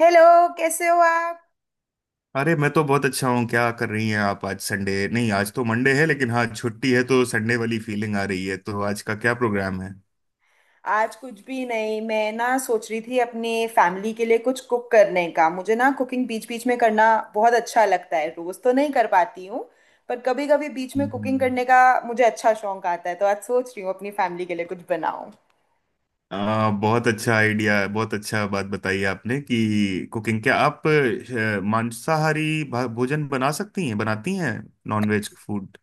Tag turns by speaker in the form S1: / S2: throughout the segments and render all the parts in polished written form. S1: Hello. कैसे हो आप?
S2: अरे मैं तो बहुत अच्छा हूँ। क्या कर रही हैं आप? आज संडे नहीं, आज तो मंडे है, लेकिन हाँ छुट्टी है तो संडे वाली फीलिंग आ रही है। तो आज का क्या प्रोग्राम है?
S1: आज कुछ भी नहीं, मैं ना सोच रही थी अपने फैमिली के लिए कुछ कुक करने का। मुझे ना कुकिंग बीच बीच में करना बहुत अच्छा लगता है। रोज तो नहीं कर पाती हूँ, पर कभी कभी बीच में कुकिंग
S2: हम्म।
S1: करने का मुझे अच्छा शौक आता है। तो आज सोच रही हूँ अपनी फैमिली के लिए कुछ बनाऊं।
S2: बहुत अच्छा आइडिया है, बहुत अच्छा बात बताई आपने कि कुकिंग। क्या आप मांसाहारी भोजन बना सकती हैं, बनाती हैं? Non veg food.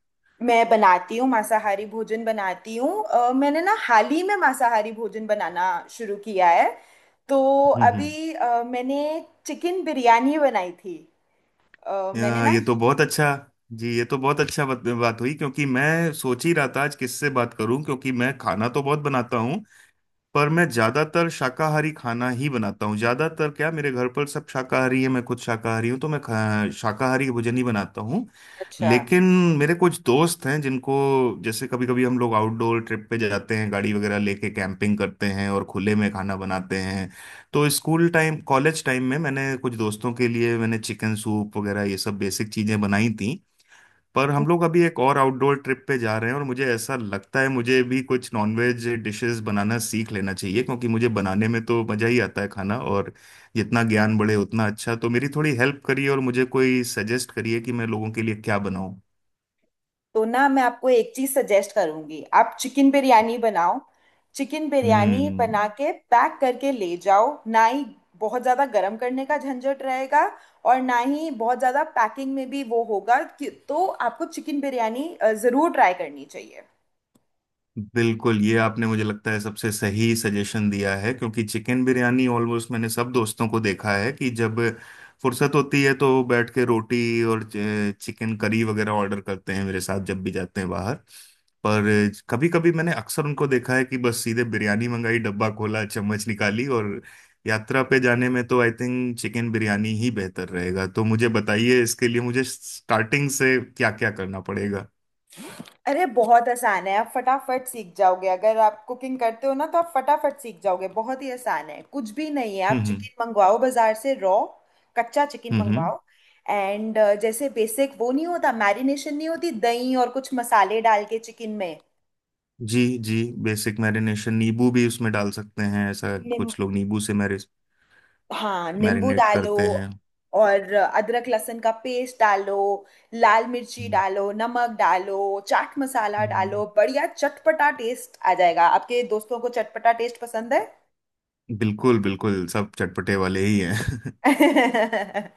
S1: मैं बनाती हूँ मांसाहारी भोजन, बनाती हूँ। मैंने ना हाल ही में मांसाहारी भोजन बनाना शुरू किया है। तो
S2: हम्म।
S1: अभी मैंने चिकन बिरयानी बनाई थी। अ, मैंने ना
S2: ये तो बहुत अच्छा जी। ये तो बहुत अच्छा बात हुई क्योंकि मैं सोच ही रहा था आज किससे बात करूं, क्योंकि मैं खाना तो बहुत बनाता हूं पर मैं ज्यादातर शाकाहारी खाना ही बनाता हूँ। ज्यादातर क्या, मेरे घर पर सब शाकाहारी है, मैं खुद शाकाहारी हूँ तो मैं शाकाहारी भोजन ही बनाता हूँ।
S1: अच्छा,
S2: लेकिन मेरे कुछ दोस्त हैं जिनको, जैसे कभी कभी हम लोग आउटडोर ट्रिप पे जाते हैं, गाड़ी वगैरह लेके कैंपिंग करते हैं और खुले में खाना बनाते हैं। तो स्कूल टाइम, कॉलेज टाइम में मैंने कुछ दोस्तों के लिए मैंने चिकन सूप वगैरह, ये सब बेसिक चीजें बनाई थी। पर हम लोग अभी एक और आउटडोर ट्रिप पे जा रहे हैं और मुझे ऐसा लगता है मुझे भी कुछ नॉनवेज डिशेस बनाना सीख लेना चाहिए, क्योंकि मुझे बनाने में तो मजा ही आता है खाना, और जितना ज्ञान बढ़े उतना अच्छा। तो मेरी थोड़ी हेल्प करिए और मुझे कोई सजेस्ट करिए कि मैं लोगों के लिए क्या बनाऊं।
S1: तो ना मैं आपको एक चीज सजेस्ट करूंगी, आप चिकन बिरयानी बनाओ। चिकन बिरयानी
S2: हम्म।
S1: बना के पैक करके ले जाओ। ना ही बहुत ज्यादा गर्म करने का झंझट रहेगा, और ना ही बहुत ज्यादा पैकिंग में भी वो होगा कि, तो आपको चिकन बिरयानी जरूर ट्राई करनी चाहिए।
S2: बिल्कुल, ये आपने मुझे लगता है सबसे सही सजेशन दिया है, क्योंकि चिकन बिरयानी ऑलमोस्ट मैंने सब दोस्तों को देखा है कि जब फुर्सत होती है तो बैठ के रोटी और चिकन करी वगैरह ऑर्डर करते हैं। मेरे साथ जब भी जाते हैं बाहर, पर कभी कभी मैंने अक्सर उनको देखा है कि बस सीधे बिरयानी मंगाई, डब्बा खोला, चम्मच निकाली, और यात्रा पे जाने में तो आई थिंक चिकन बिरयानी ही बेहतर रहेगा। तो मुझे बताइए, इसके लिए मुझे स्टार्टिंग से क्या क्या करना पड़ेगा?
S1: अरे बहुत आसान है, आप फटाफट सीख जाओगे। अगर आप कुकिंग करते हो ना, तो आप फटाफट सीख जाओगे। बहुत ही आसान है, कुछ भी नहीं है। आप
S2: हम्म।
S1: चिकन मंगवाओ बाजार से, रॉ, कच्चा चिकन
S2: हम्म हम्म।
S1: मंगवाओ। एंड जैसे बेसिक वो नहीं होता मैरिनेशन, नहीं होती? दही और कुछ मसाले डाल के चिकन में।
S2: जी जी। बेसिक मैरिनेशन, नींबू भी उसमें डाल सकते हैं, ऐसा
S1: निम
S2: कुछ लोग नींबू से
S1: हाँ, नींबू
S2: मैरिनेट
S1: डालो,
S2: करते हैं।
S1: और अदरक लहसुन का पेस्ट डालो, लाल मिर्ची
S2: हम्म।
S1: डालो, नमक डालो, चाट मसाला
S2: हम्म।
S1: डालो। बढ़िया चटपटा टेस्ट आ जाएगा। आपके दोस्तों को चटपटा टेस्ट पसंद है?
S2: बिल्कुल बिल्कुल, सब चटपटे वाले ही हैं।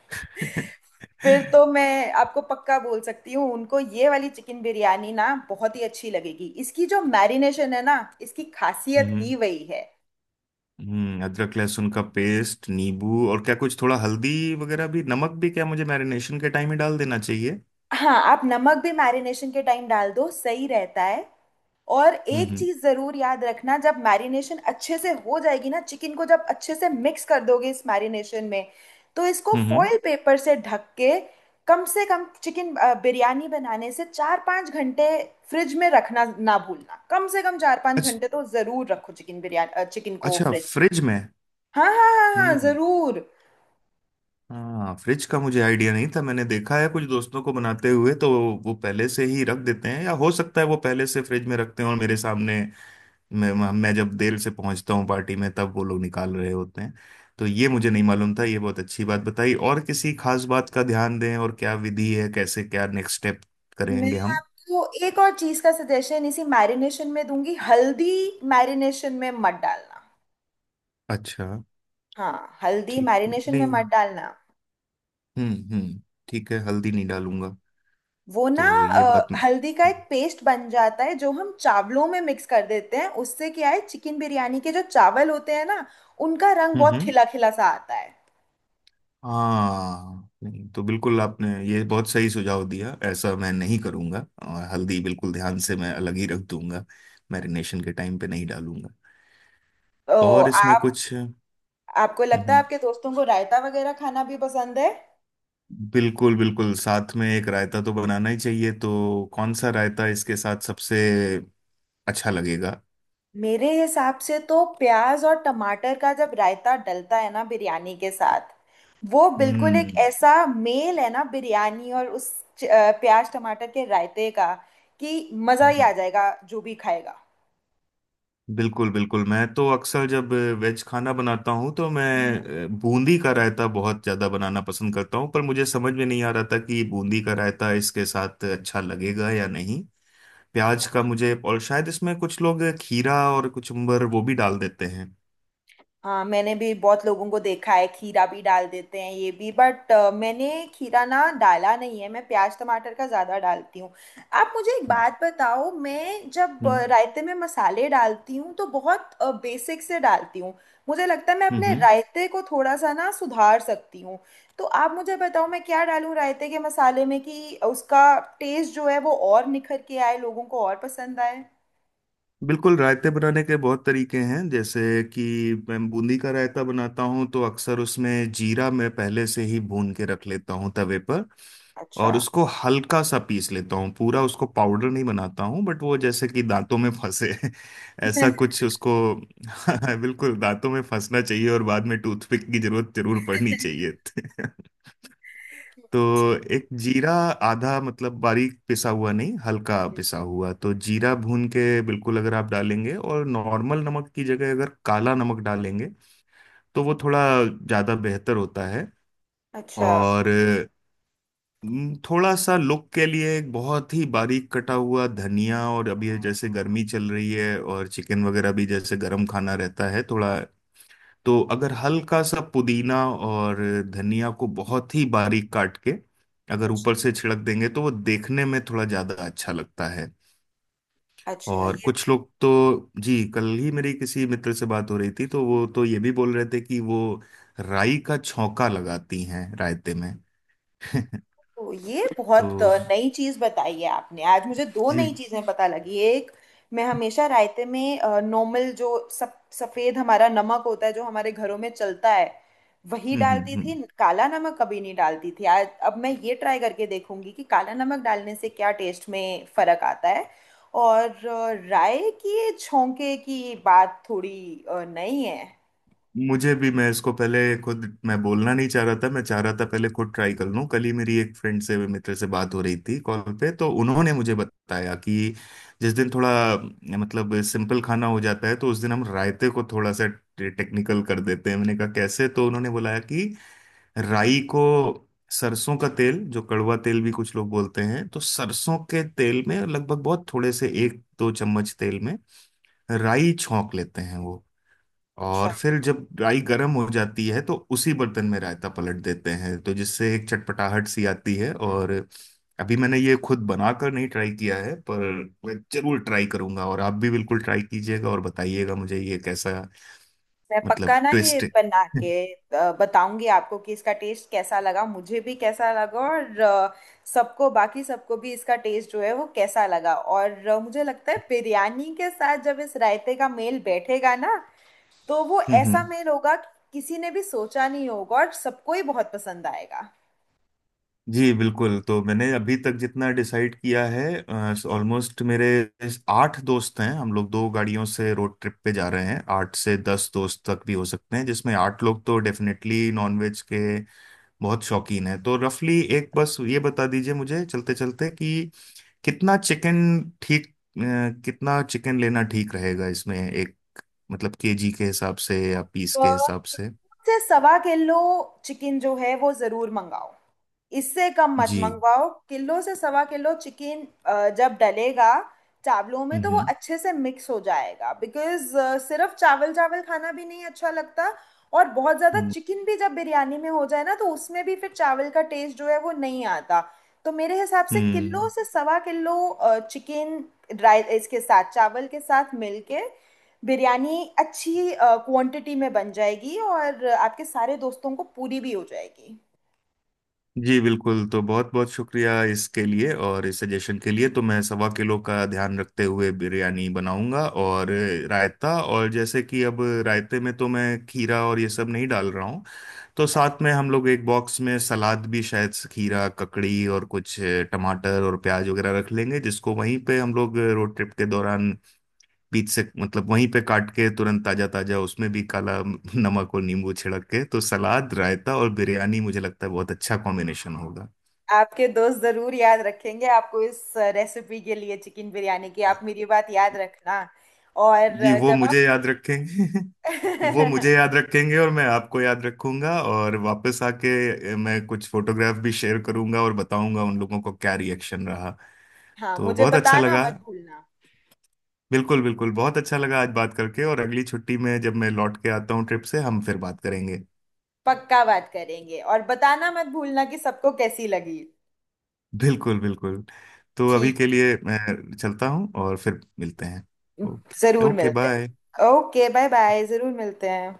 S1: फिर तो मैं आपको पक्का बोल सकती हूँ, उनको ये वाली चिकन बिरयानी ना बहुत ही अच्छी लगेगी। इसकी जो मैरिनेशन है ना, इसकी खासियत ही
S2: हम्म
S1: वही है।
S2: हम्म। अदरक लहसुन का पेस्ट, नींबू, और क्या कुछ थोड़ा हल्दी वगैरह भी, नमक भी, क्या मुझे मैरिनेशन के टाइम ही डाल देना चाहिए?
S1: हाँ, आप नमक भी मैरिनेशन के टाइम डाल दो, सही रहता है। और एक
S2: हम्म।
S1: चीज जरूर याद रखना, जब मैरिनेशन अच्छे से हो जाएगी ना, चिकन को जब अच्छे से मिक्स कर दोगे इस मैरिनेशन में, तो इसको
S2: हम्म।
S1: फॉइल पेपर से ढक के कम से कम चिकन बिरयानी बनाने से चार पाँच घंटे फ्रिज में रखना ना भूलना। कम से कम चार पाँच
S2: अच्छा।
S1: घंटे तो जरूर रखो चिकन बिरयानी, चिकन को
S2: अच्छा,
S1: फ्रिज में।
S2: फ्रिज में।
S1: हाँ हाँ हाँ हाँ,
S2: हम्म।
S1: जरूर।
S2: हाँ, फ्रिज का मुझे आइडिया नहीं था। मैंने देखा है कुछ दोस्तों को बनाते हुए, तो वो पहले से ही रख देते हैं या हो सकता है वो पहले से फ्रिज में रखते हैं और मेरे सामने मैं जब देर से पहुंचता हूँ पार्टी में तब वो लोग निकाल रहे होते हैं। तो ये मुझे नहीं मालूम था, ये बहुत अच्छी बात बताई। और किसी खास बात का ध्यान दें, और क्या विधि है, कैसे क्या नेक्स्ट स्टेप
S1: मैं
S2: करेंगे हम?
S1: आपको एक और चीज का सजेशन इसी मैरिनेशन में दूंगी, हल्दी मैरिनेशन में मत डालना।
S2: अच्छा।
S1: हाँ, हल्दी
S2: ठीक है,
S1: मैरिनेशन में
S2: नहीं।
S1: मत डालना।
S2: हम्म। ठीक है, हल्दी नहीं डालूंगा।
S1: वो ना,
S2: तो ये बात।
S1: हल्दी का
S2: हम्म।
S1: एक पेस्ट बन जाता है जो हम चावलों में मिक्स कर देते हैं। उससे क्या है, चिकन बिरयानी के जो चावल होते हैं ना, उनका रंग
S2: हम्म।
S1: बहुत
S2: हम्म।
S1: खिला खिला सा आता है।
S2: हाँ, नहीं तो बिल्कुल आपने ये बहुत सही सुझाव दिया, ऐसा मैं नहीं करूंगा, और हल्दी बिल्कुल ध्यान से मैं अलग ही रख दूंगा, मैरिनेशन के टाइम पे नहीं डालूंगा।
S1: तो
S2: और इसमें
S1: आप
S2: कुछ।
S1: आपको लगता है
S2: हम्म।
S1: आपके दोस्तों को रायता वगैरह खाना भी पसंद है?
S2: बिल्कुल बिल्कुल, साथ में एक रायता तो बनाना ही चाहिए। तो कौन सा रायता इसके साथ सबसे अच्छा लगेगा?
S1: मेरे हिसाब से तो प्याज और टमाटर का जब रायता डलता है ना बिरयानी के साथ, वो बिल्कुल एक
S2: हम्म।
S1: ऐसा मेल है ना बिरयानी और उस प्याज टमाटर के रायते का, कि मज़ा ही आ जाएगा जो भी खाएगा।
S2: बिल्कुल बिल्कुल, मैं तो अक्सर जब वेज खाना बनाता हूँ तो मैं बूंदी का रायता बहुत ज़्यादा बनाना पसंद करता हूँ, पर मुझे समझ में नहीं आ रहा था कि बूंदी का रायता इसके साथ अच्छा लगेगा या नहीं। प्याज का मुझे, और शायद इसमें कुछ लोग खीरा और कुचुम्बर वो भी डाल देते हैं।
S1: हाँ, मैंने भी बहुत लोगों को देखा है, खीरा भी डाल देते हैं ये भी, बट मैंने खीरा ना डाला नहीं है। मैं प्याज टमाटर का ज़्यादा डालती हूँ। आप मुझे एक
S2: हम्म
S1: बात बताओ, मैं जब
S2: हम्म।
S1: रायते में मसाले डालती हूँ तो बहुत बेसिक से डालती हूँ। मुझे लगता है मैं अपने
S2: हम्म।
S1: रायते को थोड़ा सा ना सुधार सकती हूँ। तो आप मुझे बताओ, मैं क्या डालूँ रायते के मसाले में कि उसका टेस्ट जो है वो और निखर के आए, लोगों को और पसंद आए।
S2: बिल्कुल, रायते बनाने के बहुत तरीके हैं, जैसे कि मैं बूंदी का रायता बनाता हूँ तो अक्सर उसमें जीरा मैं पहले से ही भून के रख लेता हूँ तवे पर,
S1: अच्छा।
S2: और उसको हल्का सा पीस लेता हूँ, पूरा उसको पाउडर नहीं बनाता हूँ, बट वो जैसे कि दांतों में फंसे ऐसा कुछ उसको। बिल्कुल, दांतों में फंसना चाहिए और बाद में टूथपिक की जरूरत जरूर पड़नी चाहिए। तो एक जीरा, आधा मतलब बारीक पिसा हुआ नहीं, हल्का पिसा हुआ, तो जीरा भून के बिल्कुल अगर आप डालेंगे, और नॉर्मल नमक की जगह अगर काला नमक डालेंगे, तो वो थोड़ा ज़्यादा बेहतर होता है।
S1: अच्छा।
S2: और थोड़ा सा लुक के लिए एक बहुत ही बारीक कटा हुआ धनिया, और अभी ये जैसे गर्मी चल रही है और चिकन वगैरह भी जैसे गर्म खाना रहता है थोड़ा, तो अगर हल्का सा पुदीना और धनिया को बहुत ही बारीक काट के अगर
S1: अच्छा
S2: ऊपर से छिड़क देंगे तो वो देखने में थोड़ा ज्यादा अच्छा लगता है।
S1: अच्छा।
S2: और कुछ लोग तो, जी कल ही मेरी किसी मित्र से बात हो रही थी तो वो तो ये भी बोल रहे थे कि वो राई का छौंका लगाती हैं रायते में।
S1: ये
S2: तो
S1: बहुत नई चीज बताई है आपने। आज मुझे दो नई
S2: जी।
S1: चीजें पता लगी। एक, मैं हमेशा रायते में नॉर्मल जो सब सफेद हमारा नमक होता है जो हमारे घरों में चलता है, वही डालती
S2: हम्म।
S1: थी, काला नमक कभी नहीं डालती थी। आज अब मैं ये ट्राई करके देखूंगी कि काला नमक डालने से क्या टेस्ट में फर्क आता है। और राय की छोंके की बात थोड़ी नई है।
S2: मुझे भी, मैं इसको पहले खुद मैं बोलना नहीं चाह रहा था, मैं चाह रहा था पहले खुद ट्राई कर लूं। कल ही मेरी एक फ्रेंड से, मित्र से बात हो रही थी कॉल पे, तो उन्होंने मुझे बताया कि जिस दिन थोड़ा मतलब सिंपल खाना हो जाता है तो उस दिन हम रायते को थोड़ा सा टेक्निकल कर देते हैं। मैंने कहा कैसे, तो उन्होंने बोला कि राई को, सरसों का तेल, जो कड़वा तेल भी कुछ लोग बोलते हैं, तो सरसों के तेल में लगभग बहुत थोड़े से एक दो चम्मच तेल में राई छौंक लेते हैं वो,
S1: अच्छा।
S2: और फिर जब राई गर्म हो जाती है तो उसी बर्तन में रायता पलट देते हैं, तो जिससे एक चटपटाहट सी आती है। और अभी मैंने ये खुद बनाकर नहीं ट्राई किया है पर मैं जरूर ट्राई करूंगा और आप भी बिल्कुल ट्राई कीजिएगा और बताइएगा मुझे ये कैसा,
S1: मैं
S2: मतलब
S1: पक्का ना ये
S2: ट्विस्ट है।
S1: बना के बताऊंगी आपको कि इसका टेस्ट कैसा लगा, मुझे भी कैसा लगा, और सबको, बाकी सबको भी इसका टेस्ट जो है वो कैसा लगा। और मुझे लगता है बिरयानी के साथ जब इस रायते का मेल बैठेगा ना, तो वो ऐसा
S2: हम्म।
S1: मेल होगा कि किसी ने भी सोचा नहीं होगा, और सबको ही बहुत पसंद आएगा।
S2: जी बिल्कुल। तो मैंने अभी तक जितना डिसाइड किया है, ऑलमोस्ट मेरे इस आठ दोस्त हैं, हम लोग दो गाड़ियों से रोड ट्रिप पे जा रहे हैं, आठ से दस दोस्त तक भी हो सकते हैं, जिसमें आठ लोग तो डेफिनेटली नॉनवेज के बहुत शौकीन हैं। तो रफली एक बस ये बता दीजिए मुझे चलते चलते कि कितना चिकन कितना चिकन लेना ठीक रहेगा इसमें? एक मतलब केजी के हिसाब से या पीस
S1: तो
S2: के हिसाब से?
S1: मुझे सवा किलो चिकन जो है वो ज़रूर मंगाओ, इससे कम मत
S2: जी।
S1: मंगवाओ। किलो से सवा किलो चिकन जब डलेगा चावलों में, तो वो
S2: हम्म।
S1: अच्छे से मिक्स हो जाएगा। बिकॉज सिर्फ चावल चावल खाना भी नहीं अच्छा लगता, और बहुत ज्यादा
S2: हम्म
S1: चिकन भी जब बिरयानी में हो जाए ना, तो उसमें भी फिर चावल का टेस्ट जो है वो नहीं आता। तो मेरे हिसाब से किलो
S2: हम्म।
S1: से सवा किलो चिकन ड्राई, इसके साथ चावल के साथ मिलके बिरयानी अच्छी क्वांटिटी में बन जाएगी, और आपके सारे दोस्तों को पूरी भी हो जाएगी।
S2: जी बिल्कुल, तो बहुत बहुत शुक्रिया इसके लिए और इस सजेशन के लिए। तो मैं सवा किलो का ध्यान रखते हुए बिरयानी बनाऊंगा, और रायता, और जैसे कि अब रायते में तो मैं खीरा और ये सब नहीं डाल रहा हूँ तो साथ
S1: अच्छा।
S2: में हम लोग एक बॉक्स में सलाद भी, शायद से, खीरा ककड़ी और कुछ टमाटर और प्याज वगैरह रख लेंगे जिसको वहीं पे हम लोग रोड ट्रिप के दौरान बीच से मतलब वहीं पे काट के तुरंत ताजा ताजा उसमें भी काला नमक और नींबू छिड़क के। तो सलाद, रायता और बिरयानी, मुझे लगता है बहुत अच्छा कॉम्बिनेशन होगा।
S1: आपके दोस्त जरूर याद रखेंगे आपको इस रेसिपी के लिए, चिकन बिरयानी की। आप मेरी बात याद रखना। और
S2: जी वो
S1: जब
S2: मुझे
S1: आप
S2: याद रखेंगे। वो मुझे याद रखेंगे और मैं आपको याद रखूंगा, और वापस आके मैं कुछ फोटोग्राफ भी शेयर करूंगा और बताऊंगा उन लोगों को क्या रिएक्शन रहा।
S1: हाँ,
S2: तो
S1: मुझे
S2: बहुत अच्छा
S1: बताना
S2: लगा,
S1: मत भूलना।
S2: बिल्कुल बिल्कुल बहुत अच्छा लगा आज बात करके, और अगली छुट्टी में जब मैं लौट के आता हूँ ट्रिप से हम फिर बात करेंगे।
S1: पक्का बात करेंगे, और बताना मत भूलना कि सबको कैसी लगी।
S2: बिल्कुल बिल्कुल। तो अभी
S1: ठीक।
S2: के लिए मैं चलता हूँ और फिर मिलते हैं।
S1: जरूर
S2: ओके
S1: मिलते
S2: बाय।
S1: हैं। Okay, bye bye. जरूर मिलते हैं।